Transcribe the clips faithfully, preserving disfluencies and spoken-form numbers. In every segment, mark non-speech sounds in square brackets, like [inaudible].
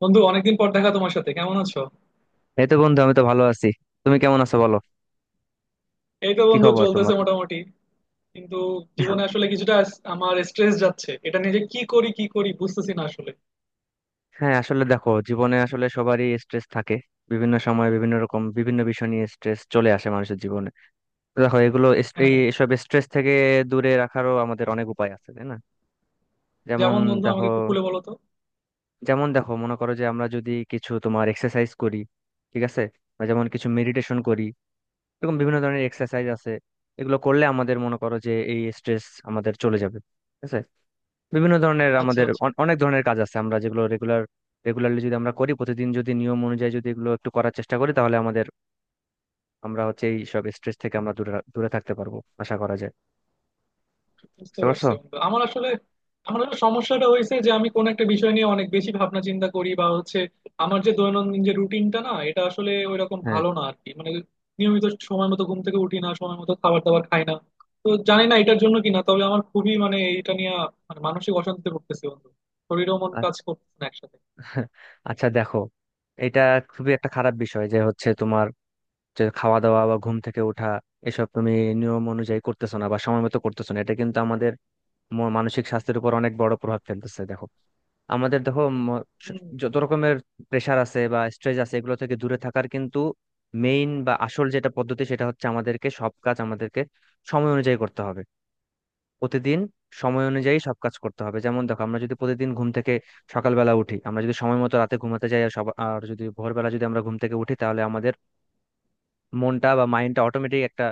বন্ধু, অনেকদিন পর দেখা তোমার সাথে। কেমন আছো? এই তো বন্ধু, আমি তো ভালো আছি। তুমি কেমন আছো বলো? এই তো কি বন্ধু, খবর চলতেছে তোমার? মোটামুটি। কিন্তু জীবনে আসলে কিছুটা আস- আমার স্ট্রেস যাচ্ছে, এটা নিয়ে যে কি করি কি করি বুঝতেছি না আসলে। হ্যাঁ, আসলে দেখো, জীবনে আসলে সবারই স্ট্রেস থাকে। বিভিন্ন সময় বিভিন্ন রকম বিভিন্ন বিষয় নিয়ে স্ট্রেস চলে আসে মানুষের জীবনে। তো দেখো, এগুলো এস- হ্যাঁ, এই এসব স্ট্রেস থেকে দূরে রাখারও আমাদের অনেক উপায় আছে, তাই না? যেমন যেমন বন্ধু দেখো, আমাকে একটু খুলে বলো তো। যেমন দেখো, মনে করো যে আমরা যদি কিছু তোমার এক্সারসাইজ করি, ঠিক আছে, বা যেমন কিছু মেডিটেশন করি। এরকম বিভিন্ন ধরনের এক্সারসাইজ আছে। এগুলো করলে আমাদের, মনে করো যে, এই স্ট্রেস আমাদের চলে যাবে, ঠিক আছে। বিভিন্ন ধরনের আচ্ছা আমাদের আচ্ছা, অন- অনেক ধরনের কাজ আছে আমরা যেগুলো রেগুলার, রেগুলারলি যদি আমরা করি, প্রতিদিন যদি নিয়ম অনুযায়ী যদি এগুলো একটু করার চেষ্টা করি তাহলে আমাদের, আমরা হচ্ছে এই সব স্ট্রেস থেকে আমরা দূরে রা- দূরে থাকতে পারবো, আশা করা যায়। বুঝতে বুঝতে পারছো? পারছি বন্ধু। আমার আসলে আমার আসলে সমস্যাটা হয়েছে যে আমি কোন একটা বিষয় নিয়ে অনেক বেশি ভাবনা চিন্তা করি, বা হচ্ছে আমার যে দৈনন্দিন যে রুটিনটা না, এটা আসলে ওইরকম হ্যাঁ, ভালো না আর কি। মানে নিয়মিত সময় মতো ঘুম থেকে উঠি না, সময় মতো খাবার দাবার খাই না। তো জানি না এটার জন্য কিনা, তবে আমার খুবই মানে এটা নিয়ে মানে মানসিক অশান্তিতে ভুগতেছি বন্ধু। শরীরও মন আ- কাজ করতেছে না একসাথে। আচ্ছা, দেখো, এটা খুবই একটা খারাপ বিষয় যে হচ্ছে তোমার, যে খাওয়া দাওয়া বা ঘুম থেকে ওঠা, এসব তুমি নিয়ম অনুযায়ী করতেছো না বা সময় মতো করতেছো না, এটা কিন্তু আমাদের ম- মানসিক স্বাস্থ্যের উপর অনেক বড় প্রভাব ফেলতেছে। দেখো আমাদের, দেখো ম- স- হম। যত রকমের প্রেশার আছে বা স্ট্রেস আছে এগুলো থেকে দূরে থাকার কিন্তু মেইন বা আসল যেটা পদ্ধতি সেটা হচ্ছে আমাদেরকে সব কাজ আমাদেরকে সময় অনুযায়ী করতে হবে। প্রতিদিন সময় অনুযায়ী সব কাজ করতে হবে। যেমন দেখো, আমরা যদি প্রতিদিন ঘুম থেকে সকালবেলা উঠি, আমরা যদি সময় মতো রাতে ঘুমাতে যাই, আর সব আর যদি ভোরবেলা যদি আমরা ঘুম থেকে উঠি, তাহলে আমাদের মনটা বা মাইন্ডটা অটোমেটিক একটা,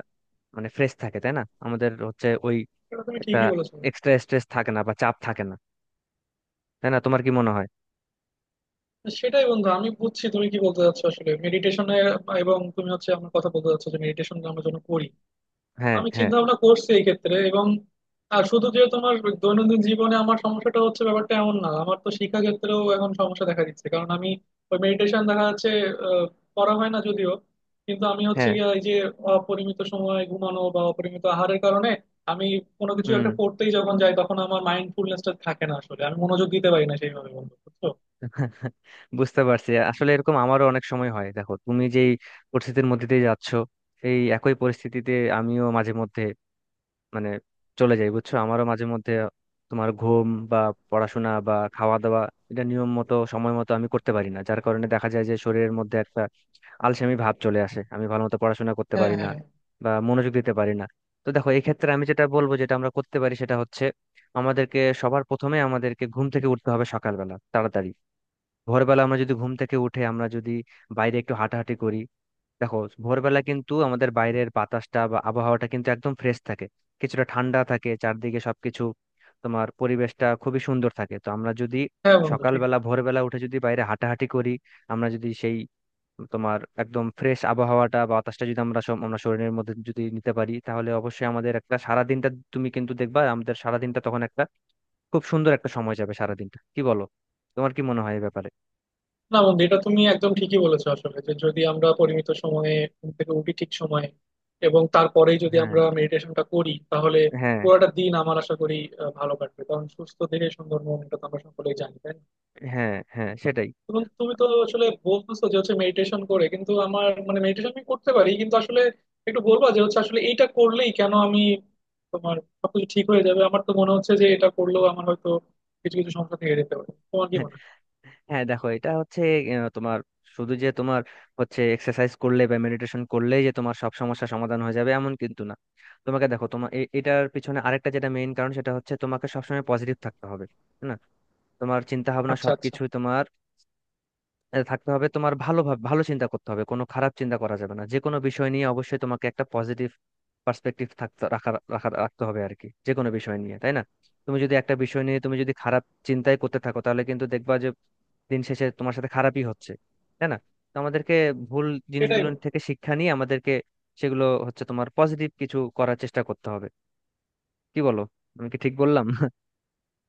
মানে, ফ্রেশ থাকে, তাই না? আমাদের হচ্ছে ওই এটা তুমি একটা ঠিকই বলেছো। এক্সট্রা স্ট্রেস থাকে না বা চাপ থাকে না, তাই না? তোমার কি মনে হয়? সেটাই বন্ধু, আমি বুঝছি তুমি কি বলতে চাচ্ছো। আসলে মেডিটেশনে, এবং তুমি হচ্ছে আমার কথা বলতে চাচ্ছো যে মেডিটেশন আমরা যেন করি। হ্যাঁ, আমি হ্যাঁ, চিন্তা ভাবনা করছি এই ক্ষেত্রে। এবং আর শুধু যে তোমার দৈনন্দিন জীবনে আমার সমস্যাটা হচ্ছে, ব্যাপারটা এমন না। আমার তো শিক্ষা ক্ষেত্রেও এখন সমস্যা দেখা দিচ্ছে, কারণ আমি ওই মেডিটেশন দেখা যাচ্ছে আহ, করা হয় না যদিও। কিন্তু আমি হচ্ছে হ্যাঁ। গিয়ে এই যে অপরিমিত সময় ঘুমানো বা অপরিমিত আহারের কারণে আমি কোনো কিছু হুম, একটা করতেই যখন যাই, তখন আমার মাইন্ডফুলনেসটা থাকে না আসলে। আমি মনোযোগ দিতে পারি না সেইভাবে বন্ধু, বুঝছো? বুঝতে পারছি। আসলে এরকম আমারও অনেক সময় হয়। দেখো, তুমি যেই পরিস্থিতির মধ্যে দিয়ে যাচ্ছ, এই একই পরিস্থিতিতে আমিও মাঝে মধ্যে, মানে, চলে যাই, বুঝছো? আমারও মাঝে মধ্যে তোমার ঘুম বা পড়াশোনা বা খাওয়া দাওয়া এটা নিয়ম মতো সময় মতো আমি করতে পারি না, যার কারণে দেখা যায় যে শরীরের মধ্যে একটা আলসেমি ভাব চলে আসে, আমি ভালো মতো পড়াশোনা করতে হ্যাঁ, পারি না হ্যাঁ। বা মনোযোগ দিতে পারি না। তো দেখো, এই ক্ষেত্রে আমি যেটা বলবো, যেটা আমরা করতে পারি, সেটা হচ্ছে আমাদেরকে সবার প্রথমে আমাদেরকে ঘুম থেকে উঠতে হবে সকালবেলা তাড়াতাড়ি। ভোরবেলা আমরা যদি ঘুম থেকে উঠে আমরা যদি বাইরে একটু হাঁটাহাঁটি করি, দেখো ভোরবেলা কিন্তু আমাদের বাইরের বাতাসটা বা আবহাওয়াটা কিন্তু একদম ফ্রেশ থাকে, কিছুটা ঠান্ডা থাকে, চারদিকে সবকিছু তোমার পরিবেশটা খুবই সুন্দর থাকে। তো আমরা যদি হ্যাঁ বন্ধু, ঠিক। সকালবেলা ভোরবেলা উঠে যদি বাইরে হাঁটাহাঁটি করি, আমরা যদি সেই তোমার একদম ফ্রেশ আবহাওয়াটা বা বাতাসটা যদি আমরা সব আমরা শরীরের মধ্যে যদি নিতে পারি, তাহলে অবশ্যই আমাদের একটা সারাদিনটা, তুমি কিন্তু দেখবা আমাদের সারাদিনটা তখন একটা খুব সুন্দর একটা সময় যাবে সারাদিনটা। কি বলো? তোমার কি মনে হয় এই ব্যাপারে? না বন্ধু, এটা তুমি একদম ঠিকই বলেছো। আসলে যে যদি আমরা পরিমিত সময়ে ঘুম থেকে উঠি ঠিক সময়ে, এবং তারপরেই যদি হ্যাঁ, আমরা মেডিটেশনটা করি, তাহলে হ্যাঁ, পুরোটা দিন আমার আশা করি আহ, ভালো কাটবে। কারণ সুস্থ দেহে সুন্দর মন, এটা তো আমরা সকলেই জানি, তাই না? হ্যাঁ। হ্যাঁ, সেটাই। এবং তুমি তো আসলে বলতেছো যে হচ্ছে মেডিটেশন করে, কিন্তু আমার মানে মেডিটেশন আমি করতে পারি, কিন্তু আসলে একটু বলবা যে হচ্ছে আসলে এইটা করলেই কেন আমি তোমার সবকিছু ঠিক হয়ে যাবে? আমার তো মনে হচ্ছে যে এটা করলেও আমার হয়তো কিছু কিছু সমস্যা থেকে যেতে পারে। তোমার কি মনে হয়? হ্যাঁ দেখো, এটা হচ্ছে, আহ, তোমার শুধু যে তোমার হচ্ছে এক্সারসাইজ করলে বা মেডিটেশন করলেই যে তোমার সব সমস্যা সমাধান হয়ে যাবে, এমন কিন্তু না। তোমাকে দেখো, তোমার এ- এটার পিছনে আরেকটা যেটা মেইন কারণ, সেটা হচ্ছে তোমাকে সবসময় পজিটিভ থাকতে হবে, তাই না? তোমার চিন্তা ভাবনা আচ্ছা আচ্ছা। সবকিছু তোমার, আহ, থাকতে হবে। তোমার ভালো ভাব- ভালো চিন্তা করতে হবে, কোনো খারাপ চিন্তা করা যাবে না। যে কোনো বিষয় নিয়ে অবশ্যই তোমাকে একটা পজিটিভ পার্সপেক্টিভ থাকতে রাখা রাখা রাখতে হবে আর কি, যে কোনো বিষয় নিয়ে, তাই না? তুমি যদি একটা বিষয় নিয়ে তুমি যদি খারাপ চিন্তাই করতে থাকো, তাহলে কিন্তু দেখবা যে দিন শেষে তোমার সাথে খারাপই হচ্ছে, তাই না? তো আমাদেরকে ভুল এটাই জিনিসগুলো বন্ধু। থেকে শিক্ষা নিয়ে আমাদেরকে সেগুলো হচ্ছে তোমার পজিটিভ কিছু করার চেষ্টা করতে হবে। কি বলো? আমি কি ঠিক বললাম? [laughs]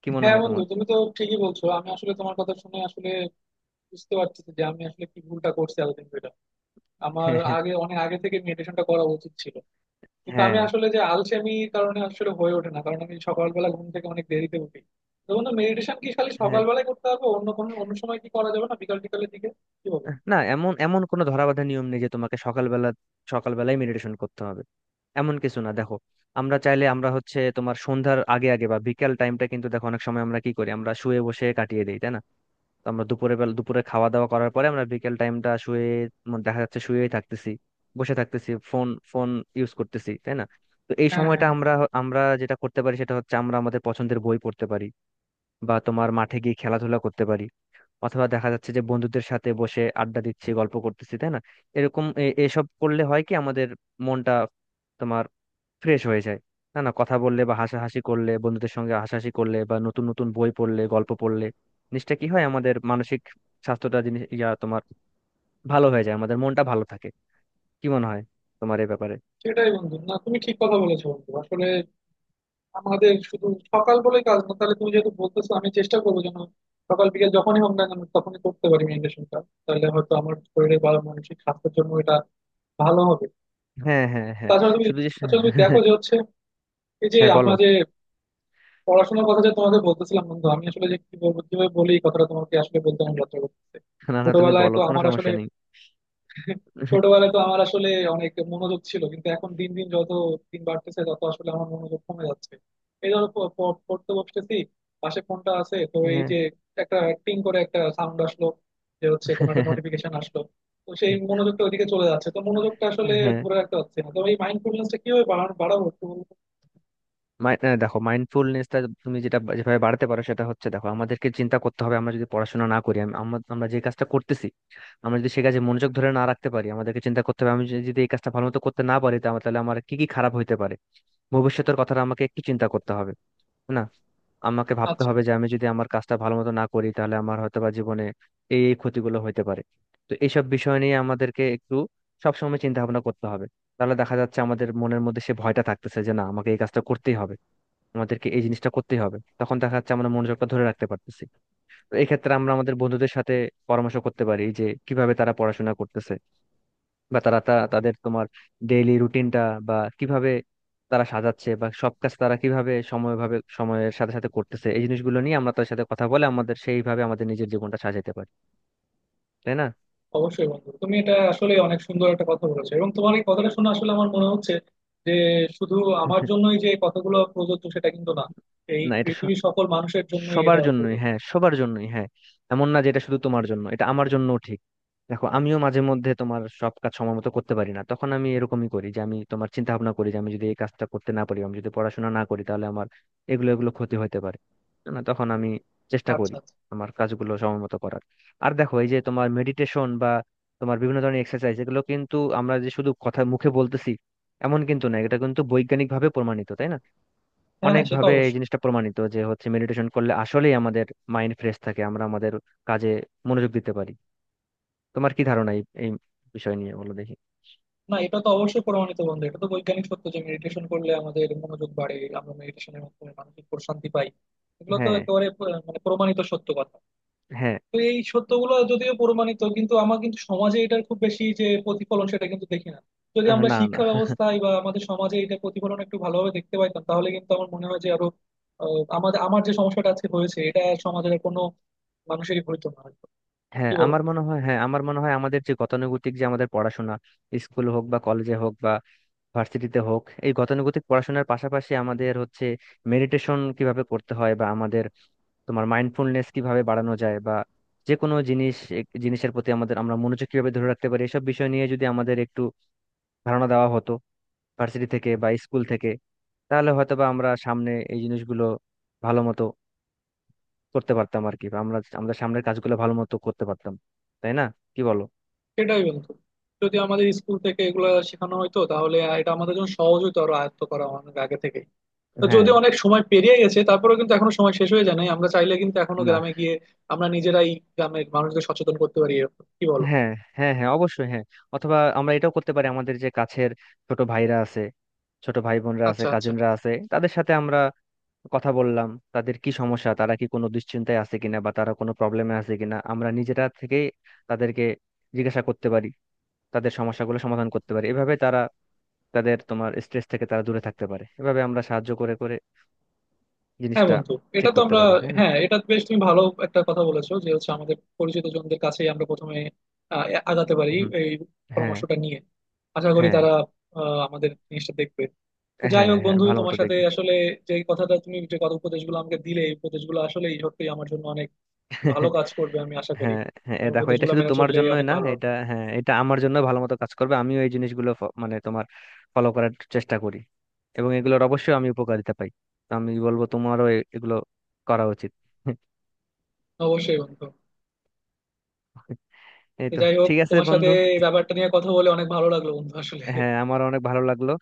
কি মনে হ্যাঁ হয় বন্ধু, তোমার? তুমি তো ঠিকই বলছো। আমি আসলে তোমার কথা শুনে আসলে বুঝতে পারতেছি যে আমি আসলে কি ভুলটা করছি এতদিন ধরে। আমার আগে, [laughs] অনেক আগে থেকে মেডিটেশনটা করা উচিত ছিল, কিন্তু আমি হ্যাঁ, আসলে যে আলসেমির কারণে আসলে হয়ে ওঠে না। কারণ আমি সকালবেলা ঘুম থেকে অনেক দেরিতে উঠি। তো বন্ধু, মেডিটেশন কি খালি হ্যাঁ, সকালবেলায় করতে হবে? অন্য কোনো অন্য সময় কি করা যাবে না, বিকাল টিকালের দিকে? কি বলবো? না এমন, এমন কোনো ধরাবাঁধা নিয়ম নেই যে তোমাকে সকালবেলা, সকালবেলায় মেডিটেশন করতে হবে, এমন কিছু না। দেখো, আমরা চাইলে আমরা হচ্ছে তোমার সন্ধ্যার আগে আগে বা বিকেল টাইমটা, কিন্তু দেখো অনেক সময় আমরা কি করি, আমরা শুয়ে বসে কাটিয়ে দিই, তাই না? তো আমরা দুপুরে বেলা, দুপুরে খাওয়া দাওয়া করার পরে আমরা বিকেল টাইমটা শুয়ে, মানে দেখা যাচ্ছে শুয়েই থাকতেছি, বসে থাকতেছি, ফোন ফোন ইউজ করতেছি, তাই না? তো এই হ্যাঁ, হ্যাঁ, সময়টা হ্যাঁ, আমরা, আমরা যেটা করতে পারি সেটা হচ্ছে, আমরা আমাদের পছন্দের বই পড়তে পারি বা তোমার মাঠে গিয়ে খেলাধুলা করতে পারি, অথবা দেখা যাচ্ছে যে বন্ধুদের সাথে বসে আড্ডা দিচ্ছি, গল্প করতেছি, তাই না? এরকম এ- এসব করলে হয় কি আমাদের মনটা তোমার ফ্রেশ হয়ে যায়। না না, কথা বললে বা হাসাহাসি করলে, বন্ধুদের সঙ্গে হাসাহাসি করলে বা নতুন নতুন বই পড়লে, গল্প পড়লে, জিনিসটা কি হয়, আমাদের মানসিক স্বাস্থ্যটা, জিনিস ইয়া তোমার, ভালো হয়ে যায়, আমাদের মনটা ভালো থাকে। কি মনে হয় তোমার এই ব্যাপারে? সেটাই বন্ধু। না তুমি ঠিক কথা বলেছো বন্ধু। আসলে আমাদের শুধু সকাল বলেই কাজ না। তাহলে তুমি যেহেতু বলতেছো, আমি চেষ্টা করবো যেন সকাল বিকেল যখনই হোক না কেন, তখনই করতে পারি মেডিটেশনটা। তাহলে হয়তো আমার শরীরে বা মানসিক স্বাস্থ্যের জন্য এটা ভালো হবে। হ্যাঁ, হ্যাঁ, হ্যাঁ। তাছাড়া তুমি, শুধু যে তাছাড়া তুমি দেখো [laughs] যে হচ্ছে এই যে হ্যাঁ, আমরা বলো। যে পড়াশোনার কথা যে তোমাকে বলতেছিলাম বন্ধু, আমি আসলে যে কি বলবো, কিভাবে বলি, এই কথাটা তোমাকে আসলে বলতে আমার লজ্জা করতেছে। না না, তুমি ছোটবেলায় বলো, তো কোনো আমার আসলে সমস্যা নেই। [laughs] ছোটবেলায় তো আমার আসলে অনেক মনোযোগ ছিল, কিন্তু এখন দিন দিন যত দিন বাড়তেছে, তত আসলে আমার মনোযোগ কমে যাচ্ছে। এই ধরো প- প- পড়তে বসতেছি, পাশে ফোনটা আছে, তো এই হ্যাঁ। যে একটা টিং করে একটা সাউন্ড আসলো, যে হচ্ছে কোনো একটা [laughs] নোটিফিকেশন আসলো, তো সেই মনোযোগটা ওইদিকে চলে যাচ্ছে। তো মনোযোগটা আসলে হ্যাঁ, ধরে রাখতে পারছি না। তো এই মাইন্ডফুলনেসটা কিভাবে বাড়ানো- বাড়াবো, একটু বলুন তো? মাই- আহ, দেখো, মাইন্ডফুলনেসটা তুমি যেটা, বা- যেভাবে বাড়াতে পারো সেটা হচ্ছে, দেখো, আমাদেরকে চিন্তা করতে হবে আমরা যদি পড়াশোনা না করি, আম- আমরা, আমরা যে কাজটা করতেছি, আমরা যদি সে কাজে মনোযোগ ধরে না রাখতে পারি, আমাদেরকে চিন্তা করতে হবে আমি যদি, যদি এই কাজটা ভালো মতো করতে না পারি তা- তাহলে আমার কি কি খারাপ হইতে পারে, ভবিষ্যতের কথাটা আমাকে একটু চিন্তা করতে হবে, তাই না? আমাকে ভাবতে আচ্ছা, হবে যে আমি যদি আমার কাজটা ভালো মতো না করি, তাহলে আমার হয়তো বা জীবনে এই এই ক্ষতিগুলো হইতে পারে। তো এইসব বিষয় নিয়ে আমাদেরকে একটু সবসময় চিন্তা ভাবনা করতে হবে। তাহলে দেখা যাচ্ছে আমাদের মনের মধ্যে সে ভয়টা থাকতেছে যে না, আমাকে এই কাজটা করতেই হবে, আমাদেরকে এই জিনিসটা করতেই হবে, তখন দেখা যাচ্ছে আমরা মনোযোগটা ধরে রাখতে পারতেছি। তো এক্ষেত্রে আমরা আমাদের বন্ধুদের সাথে পরামর্শ করতে পারি যে কিভাবে তারা পড়াশোনা করতেছে, বা তারা তা- তাদের তোমার ডেইলি রুটিনটা বা কিভাবে তারা সাজাচ্ছে, বা সব কাজ তারা কিভাবে সময়ভাবে, সময়ের সাথে সাথে করতেছে, এই জিনিসগুলো নিয়ে আমরা তাদের সাথে কথা বলে আমাদের সেইভাবে আমাদের নিজের জীবনটা সাজাতে পারি, তাই না? অবশ্যই বন্ধু, তুমি এটা আসলে অনেক সুন্দর একটা কথা বলেছো। এবং তোমার এই কথাটা শুনে আসলে আমার মনে হচ্ছে যে শুধু আমার [laughs] জন্যই যে কথাগুলো প্রযোজ্য সেটা কিন্তু না, এই না, এটা পৃথিবীর সকল মানুষের জন্যই সবার এটা জন্যই, প্রযোজ্য। হ্যাঁ, সবার জন্যই, হ্যাঁ। এমন না যে এটা শুধু তোমার জন্য, এটা আমার জন্যও ঠিক। দেখো, আমিও মাঝে মধ্যে তোমার সব কাজ সময় মতো করতে পারি না, তখন আমি এরকমই করি যে আমি তোমার চিন্তা ভাবনা করি যে আমি যদি এই কাজটা করতে না পারি, আমি যদি পড়াশোনা না করি, তাহলে আমার এগুলো, এগুলো ক্ষতি হতে পারে। না, তখন আমি চেষ্টা আচ্ছা করি আচ্ছা। আমার কাজগুলো সময় মতো করার। আর দেখো, এই যে তোমার মেডিটেশন বা তোমার বিভিন্ন ধরনের এক্সারসাইজ, এগুলো কিন্তু আমরা যে শুধু কথা মুখে বলতেছি, এমন কিন্তু না, এটা কিন্তু বৈজ্ঞানিক ভাবে প্রমাণিত, তাই না? হ্যাঁ হ্যাঁ, সে তো অনেকভাবে এই অবশ্যই। জিনিসটা প্রমাণিত যে হচ্ছে মেডিটেশন করলে আসলেই আমাদের মাইন্ড ফ্রেশ থাকে, আমরা আমাদের কাজে মনোযোগ দিতে পারি। তোমার কি ধারণা এই এই বিষয় নিয়ে, বলো দেখি। না, এটা তো অবশ্যই প্রমাণিত বন্ধু। এটা তো বৈজ্ঞানিক সত্য যে মেডিটেশন করলে আমাদের মনোযোগ বাড়ে, আমরা মেডিটেশনের মাধ্যমে মানসিক প্রশান্তি পাই। এগুলো তো হ্যাঁ, একেবারে আহ, মানে প্রমাণিত সত্য কথা। হ্যাঁ, তো এই সত্যগুলো যদিও প্রমাণিত, কিন্তু আমার কিন্তু সমাজে এটার খুব বেশি যে প্রতিফলন সেটা কিন্তু দেখি না। যদি আহ, আমরা না না, শিক্ষা ব্যবস্থায় বা আমাদের সমাজে এটা প্রতিফলন একটু ভালোভাবে দেখতে পাইতাম, তাহলে কিন্তু আমার মনে হয় যে আরো আহ, আমাদের, আমার যে সমস্যাটা আজকে হয়েছে, এটা সমাজের কোনো মানুষেরই হইতো না হয়তো। হ্যাঁ কি বলো? আমার মনে হয়, হ্যাঁ আমার মনে হয় আমাদের যে গতানুগতিক যে আমাদের পড়াশোনা, স্কুল হোক বা কলেজে হোক বা ভার্সিটিতে হোক, এই গতানুগতিক পড়াশোনার পাশাপাশি আমাদের হচ্ছে মেডিটেশন কিভাবে করতে হয়, বা আমাদের তোমার মাইন্ডফুলনেস কিভাবে বাড়ানো যায়, বা যে কোনো জিনিস এক- জিনিসের প্রতি আমাদের আমরা মনোযোগ কিভাবে ধরে রাখতে পারি, এসব বিষয় নিয়ে যদি আমাদের একটু ধারণা দেওয়া হতো ভার্সিটি থেকে বা স্কুল থেকে, তাহলে হয়তোবা আমরা সামনে এই জিনিসগুলো ভালো মতো করতে পারতাম আর কি, বা আমরা আমাদের সামনের কাজগুলো ভালো মতো করতে পারতাম, তাই না? কি বলো? সেটাই বন্ধু, যদি আমাদের স্কুল থেকে এগুলা শেখানো হয়তো, তাহলে এটা আমাদের জন্য সহজ হতো আরো, আয়ত্ত করা অনেক আগে থেকে। তো হ্যাঁ, যদিও অনেক সময় পেরিয়ে গেছে, তারপরেও কিন্তু এখনো সময় শেষ হয়ে যায় নাই। আমরা চাইলে কিন্তু এখনো না, গ্রামে গিয়ে আমরা নিজেরাই গ্রামের মানুষদের সচেতন করতে পারি এরকম। কি বলো? হ্যাঁ, হ্যাঁ, হ্যাঁ, অবশ্যই, হ্যাঁ। অথবা আমরা এটাও করতে পারি, আমাদের যে কাছের ছোট ভাইরা আছে, ছোট ভাই বোনরা আছে, আচ্ছা আচ্ছা। কাজিনরা আছে, তাদের সাথে আমরা কথা বললাম, তাদের কি সমস্যা, তারা কি কোনো দুশ্চিন্তায় আছে কিনা বা তারা কোনো প্রবলেমে আছে কিনা, আমরা নিজেরা থেকেই তাদেরকে জিজ্ঞাসা করতে পারি, তাদের সমস্যাগুলো সমাধান করতে পারি। এভাবে তারা তাদের তোমার স্ট্রেস থেকে তারা দূরে থাকতে পারে, এভাবে আমরা সাহায্য করে করে হ্যাঁ জিনিসটা বন্ধু, এটা ঠিক তো করতে আমরা। পারি, তাই না? হ্যাঁ, এটা বেশ, তুমি ভালো একটা কথা বলেছো যে হচ্ছে আমাদের পরিচিত জনদের কাছেই আমরা প্রথমে আহ, আগাতে পারি হুম। এই হ্যাঁ, পরামর্শটা নিয়ে। আশা করি হ্যাঁ, তারা আহ, আমাদের জিনিসটা দেখবে। তো যাই হ্যাঁ। হোক হ্যাঁ, বন্ধু, ভালো তোমার মতো সাথে দেখবে। আসলে যে কথাটা, তুমি যে কথা উপদেশগুলো আমাকে দিলে, এই উপদেশগুলো আসলে সত্যি আমার জন্য অনেক ভালো [laughs] কাজ করবে আমি আশা করি। হ্যাঁ, হ্যাঁ, এ তোমার দেখো, এটা উপদেশগুলো শুধু মেনে তোমার চললে জন্যই অনেক না, ভালো হবে। এটা, হ্যাঁ, এটা আমার জন্য ভালো মতো কাজ করবে। আমিও এই জিনিসগুলো ফ- মানে তোমার ফলো করার চেষ্টা করি, এবং এগুলোর অবশ্যই আমি উপকারিতা পাই। তো আমি বলবো তোমারও এ- এগুলো করা উচিত। [laughs] অবশ্যই বন্ধু। এই তো তো। যাই হোক, ঠিক আছে তোমার সাথে বন্ধু। এই ব্যাপারটা নিয়ে কথা বলে অনেক ভালো লাগলো বন্ধু আসলে। হ্যাঁ, আমার অনেক ভালো লাগলো।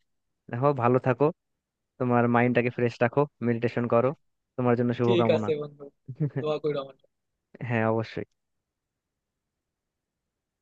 দেখো, ভালো থাকো, তোমার মাইন্ডটাকে ফ্রেশ রাখো, মেডিটেশন করো। তোমার জন্য ঠিক শুভকামনা। আছে বন্ধু, দোয়া করো আমার জন্য। হ্যাঁ, অবশ্যই।